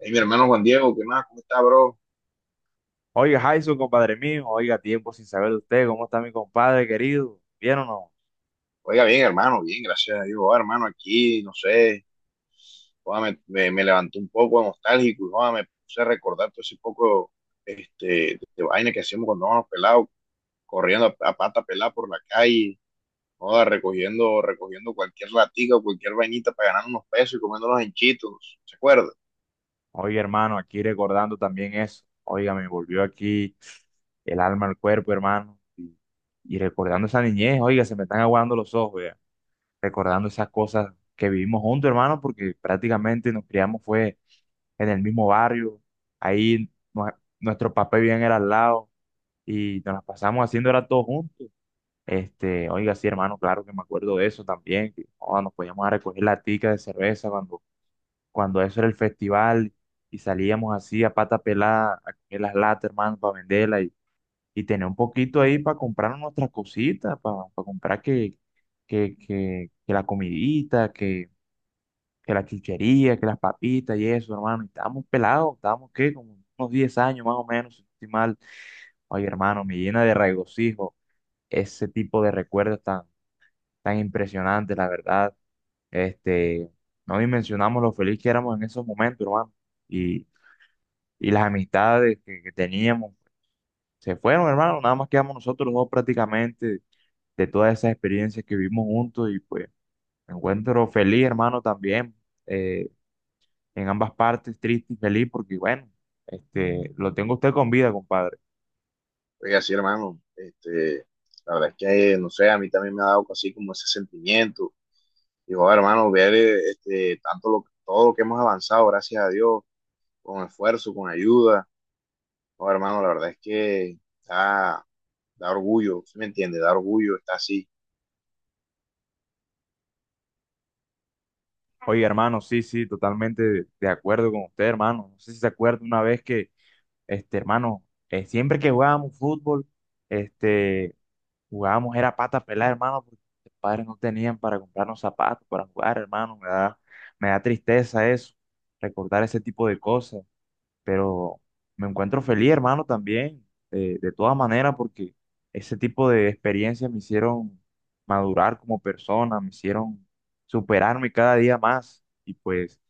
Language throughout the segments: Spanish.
Hey, mi hermano Juan Diego, ¿qué más? ¿Cómo está, bro? Oiga, Jason, compadre mío, oiga, tiempo sin saber de usted. ¿Cómo está mi compadre querido? ¿Bien o no? Oiga, bien, hermano, bien, gracias a Dios. Ah, hermano, aquí, no sé, joda, me levantó un poco nostálgico y joda, me puse a recordar todo ese poco de vaina que hacíamos cuando íbamos pelados, corriendo a pata pelada por la calle, joda, recogiendo cualquier latica o cualquier vainita para ganar unos pesos y comiéndonos en chitos, ¿se acuerda? Oiga, hermano, aquí recordando también eso. Oiga, me volvió aquí el alma al cuerpo, hermano. Y recordando esa niñez, oiga, se me están aguando los ojos, vea. Recordando esas cosas que vivimos juntos, hermano, porque prácticamente nos criamos fue en el mismo barrio. Ahí nuestro papá bien era al lado y nos las pasamos haciendo era todo juntos. Oiga, sí, hermano, claro que me acuerdo de eso también, que joda, nos podíamos a recoger la tica de cerveza cuando eso era el festival y salíamos así a pata pelada a comer las latas, hermano, para venderlas y tener un poquito ahí para comprar nuestras cositas, para comprar que la comidita, que la chuchería, que las papitas y eso, hermano. Y estábamos pelados, estábamos, ¿qué? Como unos 10 años más o menos, si no estoy mal. Oye, hermano, me llena de regocijo ese tipo de recuerdos tan impresionante, la verdad. Este, no dimensionamos lo feliz que éramos en esos momentos, hermano. Y, y las amistades que teníamos se fueron, hermano. Nada más quedamos nosotros los dos prácticamente de todas esas experiencias que vivimos juntos. Y pues me encuentro feliz, hermano, también. eh, en ambas partes, triste y feliz, porque bueno, lo tengo a usted con vida, compadre. Oiga, sí, hermano, la verdad es que, no sé, a mí también me ha dado así como ese sentimiento. Dijo, hermano, ver tanto lo, todo lo que hemos avanzado, gracias a Dios, con esfuerzo, con ayuda. No, hermano, la verdad es que da, da orgullo, ¿sí me entiende? Da orgullo, está así. Oye, hermano, sí, sí, totalmente de acuerdo con usted, hermano. No sé si se acuerda una vez que hermano, siempre que jugábamos fútbol, este, jugábamos era pata pelada, hermano, porque mis padres no tenían para comprarnos zapatos para jugar, hermano. Me da tristeza eso, recordar ese tipo de cosas. Pero me encuentro feliz, hermano, también, de todas maneras, porque ese tipo de experiencias me hicieron madurar como persona, me hicieron superarme cada día más. Y pues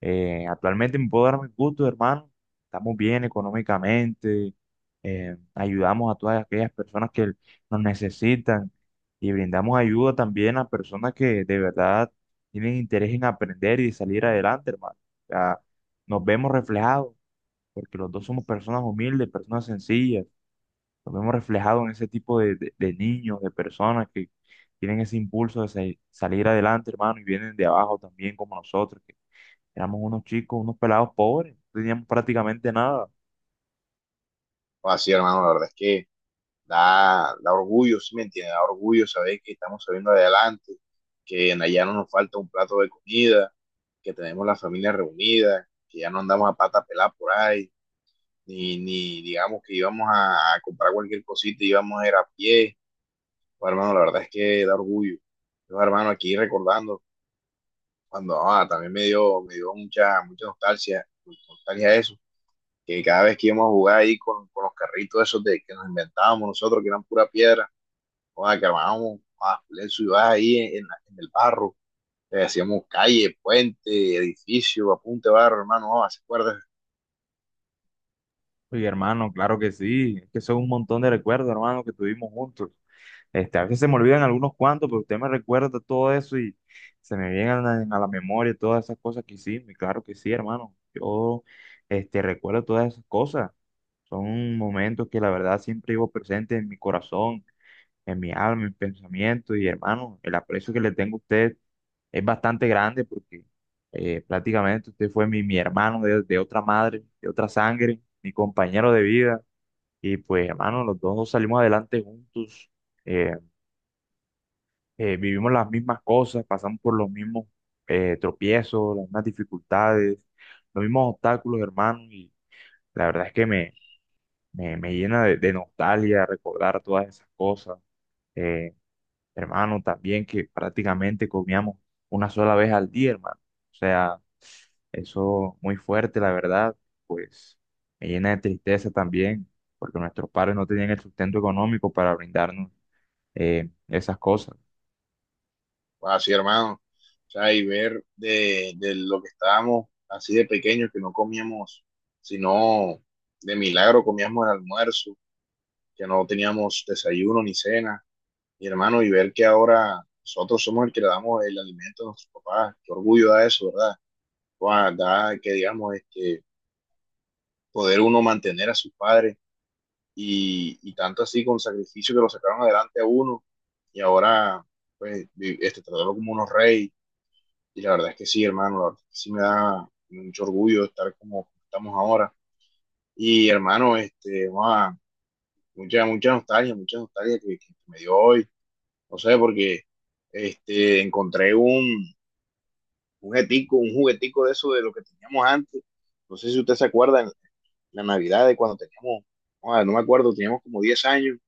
actualmente me puedo dar mi gusto, hermano. Estamos bien económicamente, ayudamos a todas aquellas personas que nos necesitan y brindamos ayuda también a personas que de verdad tienen interés en aprender y salir adelante, hermano. O sea, nos vemos reflejados, porque los dos somos personas humildes, personas sencillas. Nos vemos reflejados en ese tipo de niños, de personas que tienen ese impulso salir adelante, hermano, y vienen de abajo también como nosotros. Éramos unos chicos, unos pelados pobres, no teníamos prácticamente nada. O así, hermano, la verdad es que da orgullo, ¿sí me entiende? Da orgullo saber que estamos saliendo adelante, que en allá no nos falta un plato de comida, que tenemos la familia reunida, que ya no andamos a pata pelada por ahí, ni digamos que íbamos a comprar cualquier cosita y íbamos a ir a pie. Bueno, hermano, la verdad es que da orgullo. Yo, hermano, aquí recordando, cuando ah, también me dio mucha, mucha nostalgia, nostalgia eso, que cada vez que íbamos a jugar ahí con los carritos esos de que nos inventábamos nosotros, que eran pura piedra, ah, que armábamos ah, su ciudad ahí en, en el barro, hacíamos calle, puente, edificio, apunte barro, hermano, ah, ¿se acuerda? Oye, hermano, claro que sí, es que son un montón de recuerdos, hermano, que tuvimos juntos. Este, a veces se me olvidan algunos cuantos, pero usted me recuerda todo eso y se me vienen a la memoria todas esas cosas que hicimos. Y claro que sí, hermano, yo recuerdo todas esas cosas. Son momentos que la verdad siempre llevo presente en mi corazón, en mi alma, en mis pensamientos. Y hermano, el aprecio que le tengo a usted es bastante grande porque prácticamente usted fue mi hermano de otra madre, de otra sangre, mi compañero de vida. Y pues hermano, los dos salimos adelante juntos, eh, vivimos las mismas cosas, pasamos por los mismos tropiezos, las mismas dificultades, los mismos obstáculos, hermano. Y la verdad es que me llena de nostalgia recordar todas esas cosas. eh, Hermano, también que prácticamente comíamos una sola vez al día, hermano. O sea, eso muy fuerte, la verdad, pues me llena de tristeza también, porque nuestros padres no tenían el sustento económico para brindarnos esas cosas. Pues así, hermano. O sea, y ver de lo que estábamos así de pequeños, que no comíamos, sino de milagro comíamos el almuerzo, que no teníamos desayuno ni cena. Y hermano, y ver que ahora nosotros somos el que le damos el alimento a nuestros papás. Qué orgullo da eso, ¿verdad? Guau, da que, digamos, poder uno mantener a sus padres y tanto así con sacrificio que lo sacaron adelante a uno y ahora, pues, tratarlo como unos reyes. Y la verdad es que sí, hermano, la verdad es que sí me da mucho orgullo estar como estamos ahora. Y hermano, wow, mucha, mucha nostalgia que me dio hoy. No sé, porque este, encontré un, un juguetico de eso de lo que teníamos antes. No sé si usted se acuerda, en la Navidad de cuando teníamos, ah, no me acuerdo, teníamos como 10 años,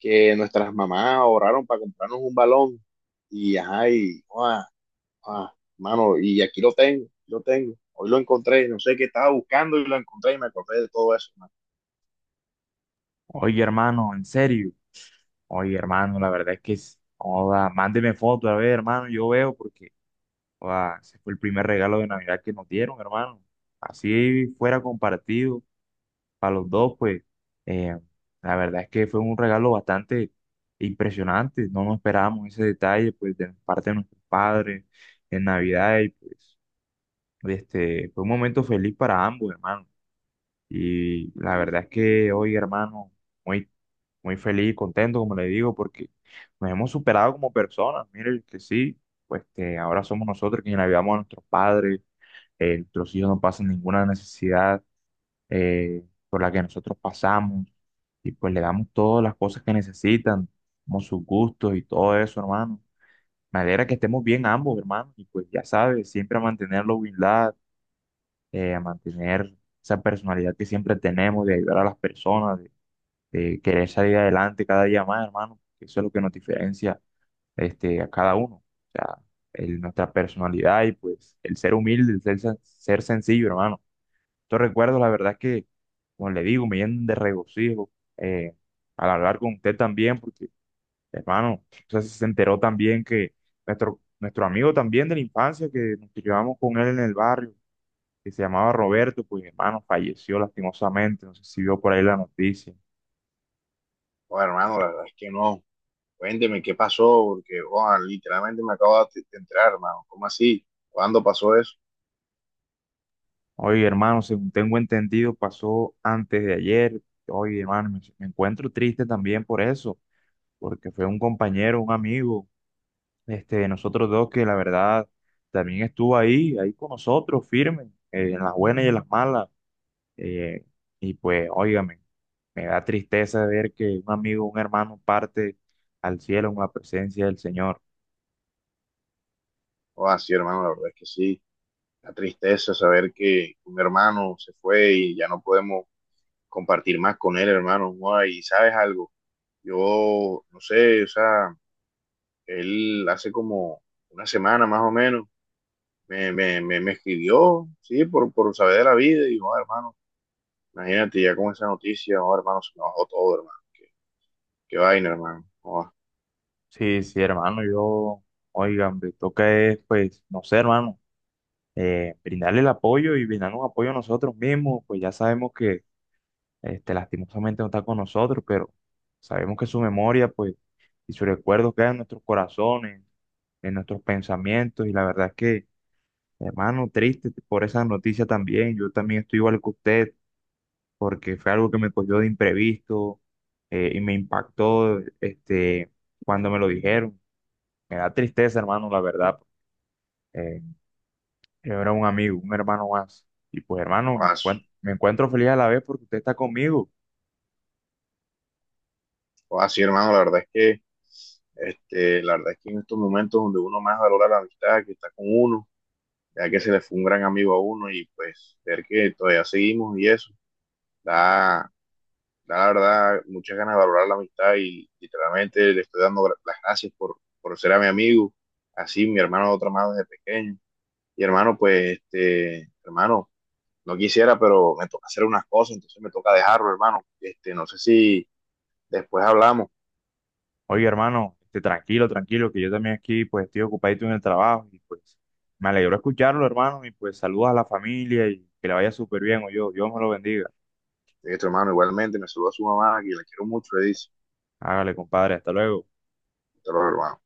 que nuestras mamás ahorraron para comprarnos un balón. Y, ajá, y, wow, Ah, mano, y aquí lo tengo, lo tengo. Hoy lo encontré, no sé qué estaba buscando y lo encontré y me acordé de todo eso, hermano. Oye, hermano, en serio, oye, hermano, la verdad es que, joda, mándeme foto, a ver, hermano, yo veo, porque joda, ese fue el primer regalo de Navidad que nos dieron, hermano. Así fuera compartido para los dos, pues eh, la verdad es que fue un regalo bastante impresionante. No nos esperábamos ese detalle, pues de parte de nuestros padres en Navidad. Y pues fue un momento feliz para ambos, hermano. Y la verdad es que hoy, hermano, muy, muy feliz y contento, como le digo, porque nos hemos superado como personas. Miren que sí, pues que ahora somos nosotros quienes ayudamos a nuestros padres, nuestros hijos no pasan ninguna necesidad eh, por la que nosotros pasamos, y pues le damos todas las cosas que necesitan, como sus gustos y todo eso, hermano. Me alegra que estemos bien ambos, hermano, y pues ya sabes, siempre a mantener la humildad, a mantener esa personalidad que siempre tenemos de ayudar a las personas, de querer salir adelante cada día más, hermano, que eso es lo que nos diferencia a cada uno. O sea, nuestra personalidad y pues el ser humilde, el ser, ser sencillo, hermano. Estos recuerdos, la verdad es que, como le digo, me llenan de regocijo eh, al hablar con usted también, porque hermano, o sea, se enteró también que nuestro amigo también de la infancia, que nos llevamos con él en el barrio, que se llamaba Roberto, pues, hermano, falleció lastimosamente, no sé si vio por ahí la noticia. Oh, hermano, la verdad es que no. Cuénteme qué pasó, porque oh, literalmente me acabo de entrar, hermano. ¿Cómo así? ¿Cuándo pasó eso? Oye, hermano, según tengo entendido, pasó antes de ayer. Oye, hermano, me encuentro triste también por eso, porque fue un compañero, un amigo, nosotros dos, que la verdad también estuvo ahí, ahí con nosotros, firme, en las buenas y en las malas. eh, y pues, óigame, me da tristeza ver que un amigo, un hermano parte al cielo en la presencia del Señor. Oh, ah, sí, hermano, la verdad es que sí. La tristeza saber que un hermano se fue y ya no podemos compartir más con él, hermano. Oh, y sabes algo, yo no sé, o sea, él hace como una semana más o menos me escribió, sí, por saber de la vida, y dijo, "Ah, hermano, imagínate ya con esa noticia, oh, hermano, se me bajó todo, hermano, qué, qué vaina, hermano, oh, Sí, sí, hermano, yo, oigan, me toca es, pues, no sé, hermano, brindarle el apoyo y brindarnos apoyo a nosotros mismos, pues ya sabemos que lastimosamente no está con nosotros, pero sabemos que su memoria, pues, y sus recuerdos quedan en nuestros corazones, en nuestros pensamientos. Y la verdad es que, hermano, triste por esa noticia también. Yo también estoy igual que usted porque fue algo que me cogió de imprevisto, y me impactó cuando me lo dijeron. Me da tristeza, hermano, la verdad. Eh, yo era un amigo, un hermano más. Y pues, hermano, oh, me ah, me encuentro feliz a la vez porque usted está conmigo. oh, ah, sí, hermano, la verdad es que, la verdad es que en estos momentos donde uno más valora la amistad, que está con uno, ya que se le fue un gran amigo a uno, y pues, ver que todavía seguimos y eso, da, da la verdad, muchas ganas de valorar la amistad, y literalmente le estoy dando las gracias por ser a mi amigo, así, mi hermano de otra mano desde pequeño, y hermano, pues, hermano, no quisiera, pero me toca hacer unas cosas, entonces me toca dejarlo, hermano. No sé si después hablamos. Oye, hermano, tranquilo, tranquilo, que yo también aquí pues estoy ocupadito en el trabajo y pues me alegró escucharlo, hermano, y pues saludos a la familia y que le vaya súper bien, o yo, Dios me lo bendiga. Este, hermano, igualmente, me saluda a su mamá, que la quiero mucho, le dice. Hágale, compadre, hasta luego. Hasta luego, hermano.